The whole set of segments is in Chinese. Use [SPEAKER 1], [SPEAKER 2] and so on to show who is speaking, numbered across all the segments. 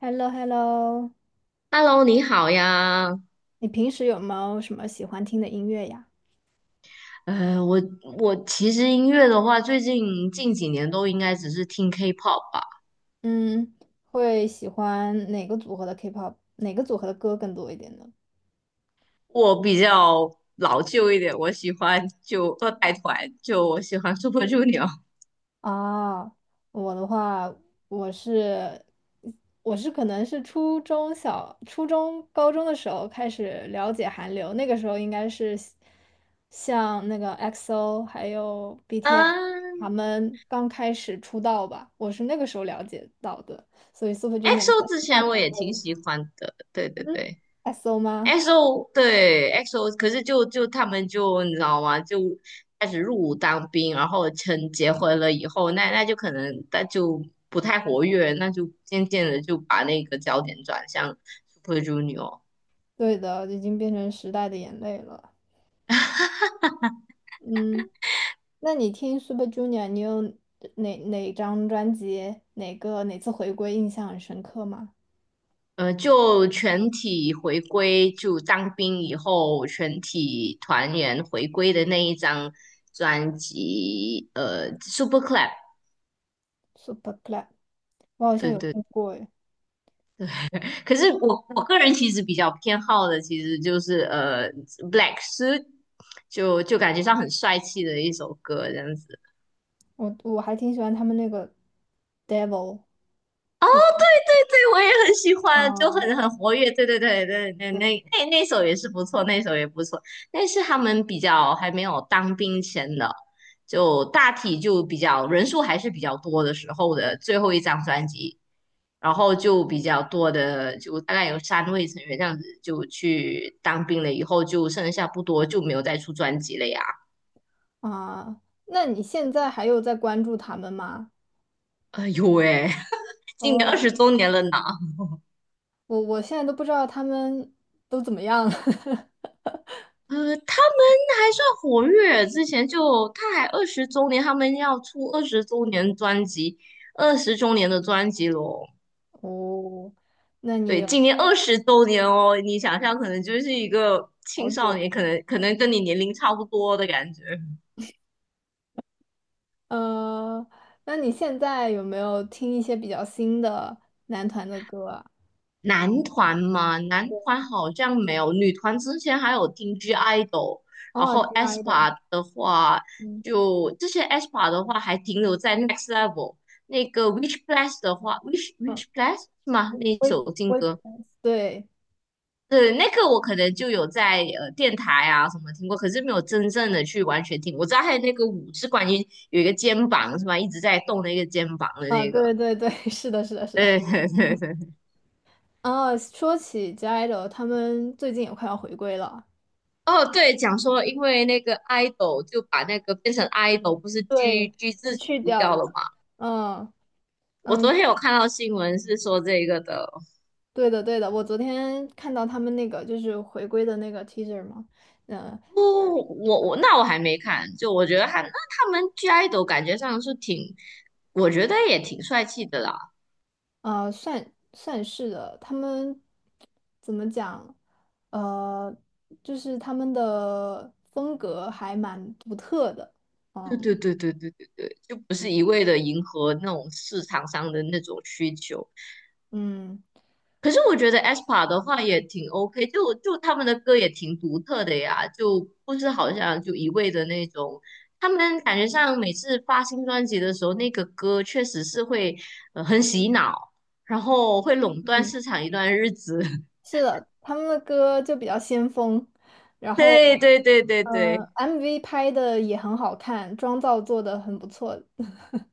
[SPEAKER 1] h e l l o h e l l o。
[SPEAKER 2] Hello，你好呀。
[SPEAKER 1] 你平时有没有什么喜欢听的音乐呀？
[SPEAKER 2] 呃，我我其实音乐的话，最近几年都应该只是听 K-pop 吧。
[SPEAKER 1] 嗯，会喜欢哪个组合的 K-pop，哪个组合的歌更多一点呢？
[SPEAKER 2] 我比较老旧一点，我喜欢就二代团，就我喜欢 Super Junior
[SPEAKER 1] 啊，我的话，我是我是可能是初中、高中的时候开始了解韩流，那个时候应该是像那个 x o 还有 BTS 他
[SPEAKER 2] 嗯
[SPEAKER 1] 们刚开始出道吧，我是那个时候了解到的，所以 Super Junior
[SPEAKER 2] ，EXO
[SPEAKER 1] 是
[SPEAKER 2] 之
[SPEAKER 1] 大
[SPEAKER 2] 前
[SPEAKER 1] 前
[SPEAKER 2] 我也挺
[SPEAKER 1] 辈。
[SPEAKER 2] 喜欢的，对对
[SPEAKER 1] 嗯
[SPEAKER 2] 对。
[SPEAKER 1] ，SO 吗？
[SPEAKER 2] XO 对 XO，可是他们就你知道吗？就开始入伍当兵，然后结婚了以后，那就可能不太活跃，那就渐渐的就把那个焦点转向 Super Junior。
[SPEAKER 1] 对的，已经变成时代的眼泪了。嗯，那你听 Super Junior，你有哪张专辑、哪次回归印象很深刻吗
[SPEAKER 2] 就全体回归，就当兵以后全体团员回归的那一张专辑，Super Club,
[SPEAKER 1] ？Super Club，我好像
[SPEAKER 2] 对
[SPEAKER 1] 有
[SPEAKER 2] 对。
[SPEAKER 1] 听过诶，
[SPEAKER 2] 可是我个人其实比较偏好的，其实就是Black Suit,就感觉上很帅气的一首歌这样子。
[SPEAKER 1] 我还挺喜欢他们那个 Devil 是。
[SPEAKER 2] 对，我也很喜欢，就
[SPEAKER 1] 啊
[SPEAKER 2] 很活跃。对对对对对，那首也是不错，那首也不错，那是他们比较还没有当兵前的，就大体就比较人数还是比较多的时候的最后一张专辑，然后就比较多的，就大概有3位成员这样子就去当兵了，以后就剩下不多，就没有再出专辑了呀。
[SPEAKER 1] 啊，那你现在还有在关注他们吗？
[SPEAKER 2] 哎呦喂，今年二
[SPEAKER 1] 哦，
[SPEAKER 2] 十周年了呢。
[SPEAKER 1] 我现在都不知道他们都怎么样了。
[SPEAKER 2] 呃，他们还算活跃，之前就他还20周年，他们要出20周年专辑，20周年的专辑咯。
[SPEAKER 1] 哦，那你
[SPEAKER 2] 对，今
[SPEAKER 1] 有
[SPEAKER 2] 年二十周年哦，你想象可能就是一个
[SPEAKER 1] 好
[SPEAKER 2] 青少
[SPEAKER 1] 久？
[SPEAKER 2] 年，可能跟你年龄差不多的感觉。
[SPEAKER 1] 呃，那你现在有没有听一些比较新的男团的歌啊？
[SPEAKER 2] 男团嘛，男团好像没有，女团之前还有听 G IDOL，然
[SPEAKER 1] 哦
[SPEAKER 2] 后 a
[SPEAKER 1] ，G.I.
[SPEAKER 2] s
[SPEAKER 1] d
[SPEAKER 2] p
[SPEAKER 1] 的，
[SPEAKER 2] a 的话，
[SPEAKER 1] 嗯
[SPEAKER 2] 就这些 a s p a 的话还停留在 Next Level。那个 Which Plus 的话，Which
[SPEAKER 1] 嗯，
[SPEAKER 2] Which Plus 是吗？那一
[SPEAKER 1] 微
[SPEAKER 2] 首新
[SPEAKER 1] 微
[SPEAKER 2] 歌，
[SPEAKER 1] 博，对
[SPEAKER 2] 对，那个我可能就有在电台啊什么听过，可是没有真正的去完全听。我知道还有那个舞是关于有一个肩膀是吗？一直在动那个肩膀的
[SPEAKER 1] 啊，
[SPEAKER 2] 那
[SPEAKER 1] 对
[SPEAKER 2] 个，
[SPEAKER 1] 对对，是的，是的，是的。
[SPEAKER 2] 对对对对。
[SPEAKER 1] 啊，说起 G.I.DLE，他们最近也快要回归了。
[SPEAKER 2] 哦，对，讲说因为那个 idol 就把那个变成 idol,不是 G
[SPEAKER 1] 对，
[SPEAKER 2] G
[SPEAKER 1] 被
[SPEAKER 2] 字
[SPEAKER 1] 去
[SPEAKER 2] 除
[SPEAKER 1] 掉
[SPEAKER 2] 掉
[SPEAKER 1] 了。
[SPEAKER 2] 了吗？
[SPEAKER 1] 嗯
[SPEAKER 2] 我
[SPEAKER 1] 嗯，
[SPEAKER 2] 昨天有看到新闻是说这个的，
[SPEAKER 1] 对的对的，我昨天看到他们那个就是回归的那个 teaser 嘛，嗯。
[SPEAKER 2] 不，那我还没看，就我觉得他们 G idol 感觉上是挺，我觉得也挺帅气的啦。
[SPEAKER 1] 算是的，他们怎么讲？呃，就是他们的风格还蛮独特的。
[SPEAKER 2] 对
[SPEAKER 1] 哦，
[SPEAKER 2] 对对对对对对，就不是一味的迎合那种市场上的那种需求。
[SPEAKER 1] 嗯
[SPEAKER 2] 可是我觉得 aespa 的话也挺 OK,就他们的歌也挺独特的呀，就不是好像就一味的那种。他们感觉上每次发新专辑的时候，那个歌确实是会很洗脑，然后会垄断
[SPEAKER 1] 嗯，
[SPEAKER 2] 市场一段日子。
[SPEAKER 1] 是的，他们的歌就比较先锋，然后
[SPEAKER 2] 对对对对
[SPEAKER 1] 呃
[SPEAKER 2] 对
[SPEAKER 1] ，MV 拍的也很好看，妆造做的很不错。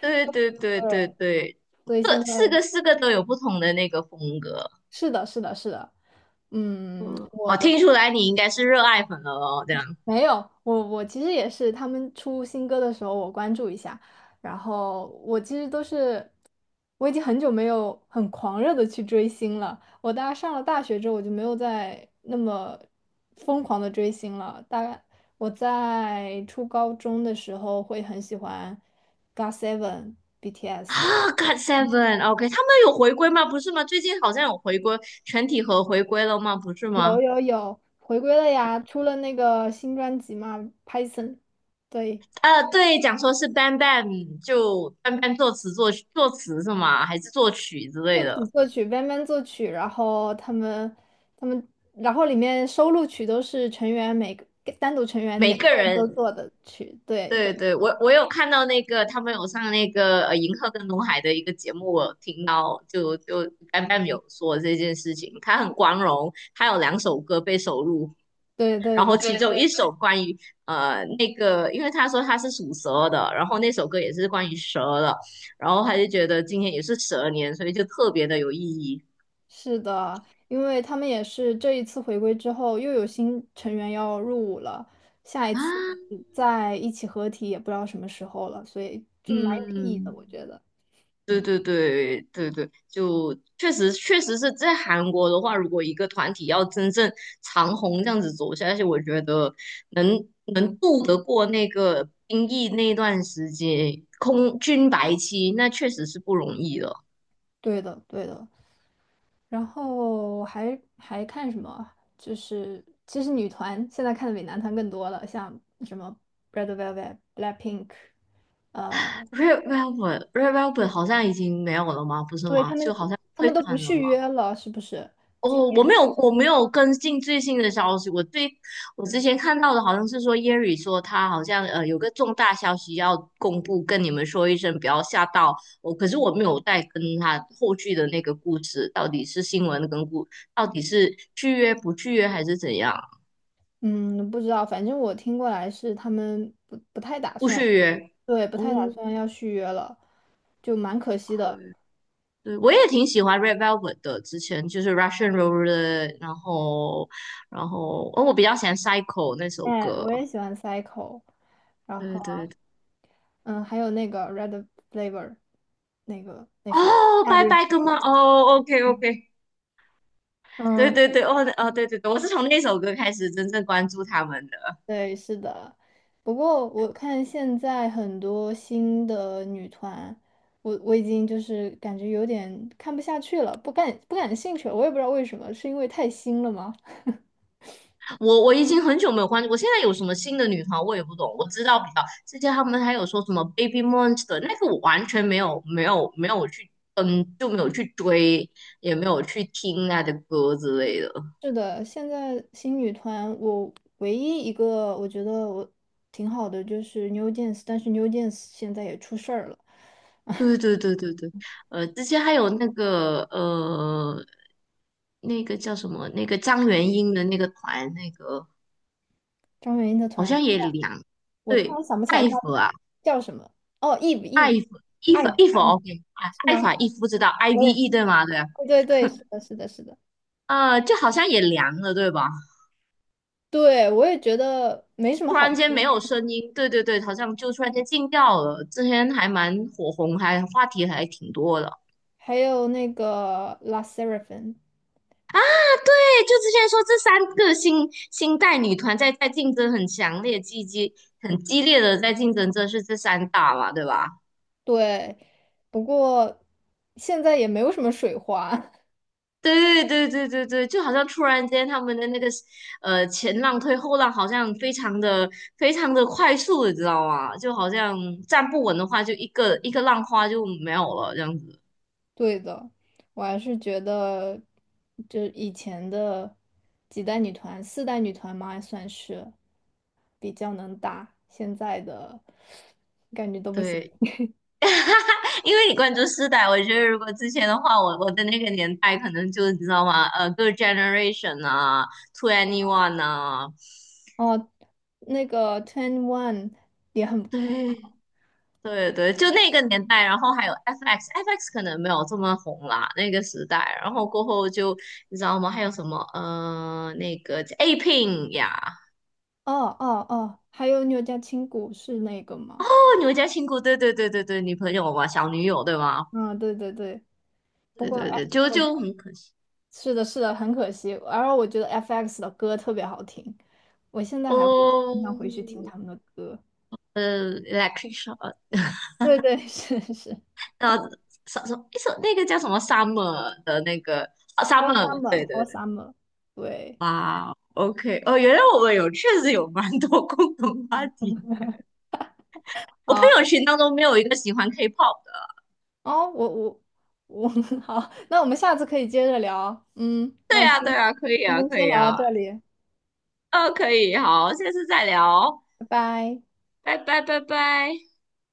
[SPEAKER 2] 对对对对
[SPEAKER 1] 对，
[SPEAKER 2] 对，
[SPEAKER 1] 所以
[SPEAKER 2] 各
[SPEAKER 1] 现在
[SPEAKER 2] 四个四个都有不同的那个风格。
[SPEAKER 1] 是的，是的，是的，嗯，我
[SPEAKER 2] 哦，
[SPEAKER 1] 的。
[SPEAKER 2] 听出来你应该是热爱粉了哦，这样。
[SPEAKER 1] 没有，我其实也是，他们出新歌的时候我关注一下，然后我其实都是，我已经很久没有很狂热的去追星了。我大概上了大学之后，我就没有再那么疯狂的追星了。大概我在初高中的时候会很喜欢 GOT7。
[SPEAKER 2] 啊，God Seven，OK,他们有回归吗？不是吗？最近好像有回归，全体和回归了吗？不是
[SPEAKER 1] 有
[SPEAKER 2] 吗？
[SPEAKER 1] 有有，回归了呀，出了那个新专辑嘛，Python，对。
[SPEAKER 2] 对，讲说是 b a n b a n 就 b a n b a n 作词作曲作词是吗？还是作曲之类的？
[SPEAKER 1] 作曲 b a 作曲，然后他们，然后里面收录曲都是成员每个单独成员
[SPEAKER 2] 每
[SPEAKER 1] 每个
[SPEAKER 2] 个
[SPEAKER 1] 人
[SPEAKER 2] 人，
[SPEAKER 1] 都做的曲，对
[SPEAKER 2] 对
[SPEAKER 1] 的，
[SPEAKER 2] 对，我我有看到那个他们有上那个银赫跟龙海的一个节目，我有听到就 b a n b a n 有说这件事情，他很光荣，他有2首歌被收录。
[SPEAKER 1] 对对
[SPEAKER 2] 然后
[SPEAKER 1] 对，
[SPEAKER 2] 其 对中对一首关于那个，因为他说他是属蛇的，然后那首歌也是关于蛇的，然后他就觉得今天也是蛇年，所以就特别的有意义
[SPEAKER 1] 是的，因为他们也是这一次回归之后又有新成员要入伍了，下一
[SPEAKER 2] 啊。
[SPEAKER 1] 次再一起合体也不知道什么时候了，所以就蛮有意义的，
[SPEAKER 2] 嗯，
[SPEAKER 1] 我觉得，
[SPEAKER 2] 对
[SPEAKER 1] 嗯，
[SPEAKER 2] 对对对对，就确实是在韩国的话，如果一个团体要真正长红这样子走下去，我觉得能能渡得过那个兵役那段时间空军白期，那确实是不容易的。
[SPEAKER 1] 对的对的。然后还看什么？就是其实女团现在看的比男团更多了，像什么 Red Velvet、Blackpink，呃，
[SPEAKER 2] Red Velvet，Red Velvet 好像已经没有了吗？不是
[SPEAKER 1] 对
[SPEAKER 2] 吗？
[SPEAKER 1] 他
[SPEAKER 2] 就
[SPEAKER 1] 们
[SPEAKER 2] 好像
[SPEAKER 1] 他
[SPEAKER 2] 退
[SPEAKER 1] 们都不
[SPEAKER 2] 团了吗？
[SPEAKER 1] 续约了，是不是？
[SPEAKER 2] 哦，我没有，我没有跟进最新的消息。我之前看到的好像是说 Yeri 说他好像有个重大消息要公布，跟你们说一声，不要吓到我。可是我没有再跟他后续的那个故事，到底是新闻跟故，到底是续约不续约还是怎样？
[SPEAKER 1] 嗯，不知道，反正我听过来是他们不太打
[SPEAKER 2] 不
[SPEAKER 1] 算，
[SPEAKER 2] 续约。
[SPEAKER 1] 对，不太打
[SPEAKER 2] OK，
[SPEAKER 1] 算要续约了，就蛮可惜的。
[SPEAKER 2] 对，我也挺喜欢 Red Velvet 的，之前就是 Russian Roulette，然后，然后，哦，我比较喜欢 Psycho 那首
[SPEAKER 1] 哎，
[SPEAKER 2] 歌。
[SPEAKER 1] 我也喜欢 Cycle，然
[SPEAKER 2] 对
[SPEAKER 1] 后
[SPEAKER 2] 对对，
[SPEAKER 1] 嗯，还有那个 Red Flavor 那个那首
[SPEAKER 2] 哦，
[SPEAKER 1] 《夏
[SPEAKER 2] 拜
[SPEAKER 1] 日》。
[SPEAKER 2] 拜哥吗？哦，OK OK，对
[SPEAKER 1] 嗯，
[SPEAKER 2] 对对，哦哦，对对对，我是从那首歌开始真正关注他们的。
[SPEAKER 1] 对，是的。不过我看现在很多新的女团，我已经就是感觉有点看不下去了，不感兴趣了。我也不知道为什么，是因为太新了吗？
[SPEAKER 2] 我已经很久没有关注，我现在有什么新的女团我也不懂，我知道比较之前他们还有说什么 Baby Monster 那个我完全没有去就没有去追，也没有去听他的歌之类的。
[SPEAKER 1] 是的，现在新女团，我唯一一个我觉得我挺好的就是 New Jeans，但是 New Jeans 现在也出事儿了。
[SPEAKER 2] 对对对对对，之前还有那个那个叫什么？那个张元英的那个团，那个
[SPEAKER 1] 张元英的
[SPEAKER 2] 好
[SPEAKER 1] 团，
[SPEAKER 2] 像也凉。
[SPEAKER 1] 我突
[SPEAKER 2] 对，
[SPEAKER 1] 然想不起来
[SPEAKER 2] 艾
[SPEAKER 1] 她
[SPEAKER 2] 弗啊，
[SPEAKER 1] 叫什么。哦，Eve
[SPEAKER 2] 艾
[SPEAKER 1] Eve
[SPEAKER 2] 弗伊
[SPEAKER 1] 艾
[SPEAKER 2] 弗伊弗，OK 啊，
[SPEAKER 1] 是
[SPEAKER 2] 艾
[SPEAKER 1] 吗？
[SPEAKER 2] 法伊夫知道
[SPEAKER 1] 我也
[SPEAKER 2] ，IVE 对吗？对，
[SPEAKER 1] 对对对，是的，是的，是的。
[SPEAKER 2] 就好像也凉了，对吧？
[SPEAKER 1] 对，我也觉得没什么
[SPEAKER 2] 突
[SPEAKER 1] 好
[SPEAKER 2] 然间没
[SPEAKER 1] 说。
[SPEAKER 2] 有声音，对对对，好像就突然间静掉了。之前还蛮火红，还话题还挺多的。
[SPEAKER 1] 还有那个 La Sserafin，t
[SPEAKER 2] 对，就之前说这三个新新代女团在竞争很强烈、很激烈的在竞争，这是这三大嘛，对吧？
[SPEAKER 1] 对，不过现在也没有什么水花。
[SPEAKER 2] 对对对对对，就好像突然间他们的那个前浪推后浪，好像非常的快速，你知道吗？就好像站不稳的话，就一个一个浪花就没有了这样子。
[SPEAKER 1] 对的，我还是觉得，就以前的几代女团，四代女团嘛，算是比较能打，现在的感觉都不行。
[SPEAKER 2] 对，因为你关注世代，我觉得如果之前的话，我的那个年代可能就你知道吗？Girl Generation 啊，Two Anyone 啊，
[SPEAKER 1] 哦，那个 Twenty One 也很，
[SPEAKER 2] 对对对，就那个年代，然后还有 FX，FX 可能没有这么红啦，那个时代，然后过后就你知道吗？还有什么那个 A Pink 呀，
[SPEAKER 1] 哦哦哦，还有你有家青骨是那个
[SPEAKER 2] 哦，
[SPEAKER 1] 吗？
[SPEAKER 2] 你们家亲姑，对对对对对，女朋友嘛，小女友对吗？
[SPEAKER 1] 嗯，对对对。不
[SPEAKER 2] 对
[SPEAKER 1] 过，哎，
[SPEAKER 2] 对对，就
[SPEAKER 1] 我
[SPEAKER 2] 就很可惜
[SPEAKER 1] 是的，是的，很可惜。而我觉得 FX 的歌特别好听，我现在还会经常
[SPEAKER 2] 哦，
[SPEAKER 1] 回去听他们的歌。
[SPEAKER 2] Electric Shock，
[SPEAKER 1] 对对，是是
[SPEAKER 2] 呃，什什一首那个叫什么 Summer 的那个啊
[SPEAKER 1] ，For
[SPEAKER 2] Summer，对对
[SPEAKER 1] Summer，For
[SPEAKER 2] 对，
[SPEAKER 1] Summer，对
[SPEAKER 2] 哇，OK,哦，原来我们有确实有蛮多共同话题。我朋
[SPEAKER 1] 啊，
[SPEAKER 2] 友群当中没有一个喜欢 K-pop 的。
[SPEAKER 1] 哦，我我我，好，那我们下次可以接着聊。嗯，那
[SPEAKER 2] 对
[SPEAKER 1] 我今
[SPEAKER 2] 啊，对
[SPEAKER 1] 天
[SPEAKER 2] 啊，可以啊，可
[SPEAKER 1] 先
[SPEAKER 2] 以
[SPEAKER 1] 聊到
[SPEAKER 2] 啊，
[SPEAKER 1] 这里，
[SPEAKER 2] 可以，好，下次再聊，
[SPEAKER 1] 拜拜。
[SPEAKER 2] 拜拜，拜拜。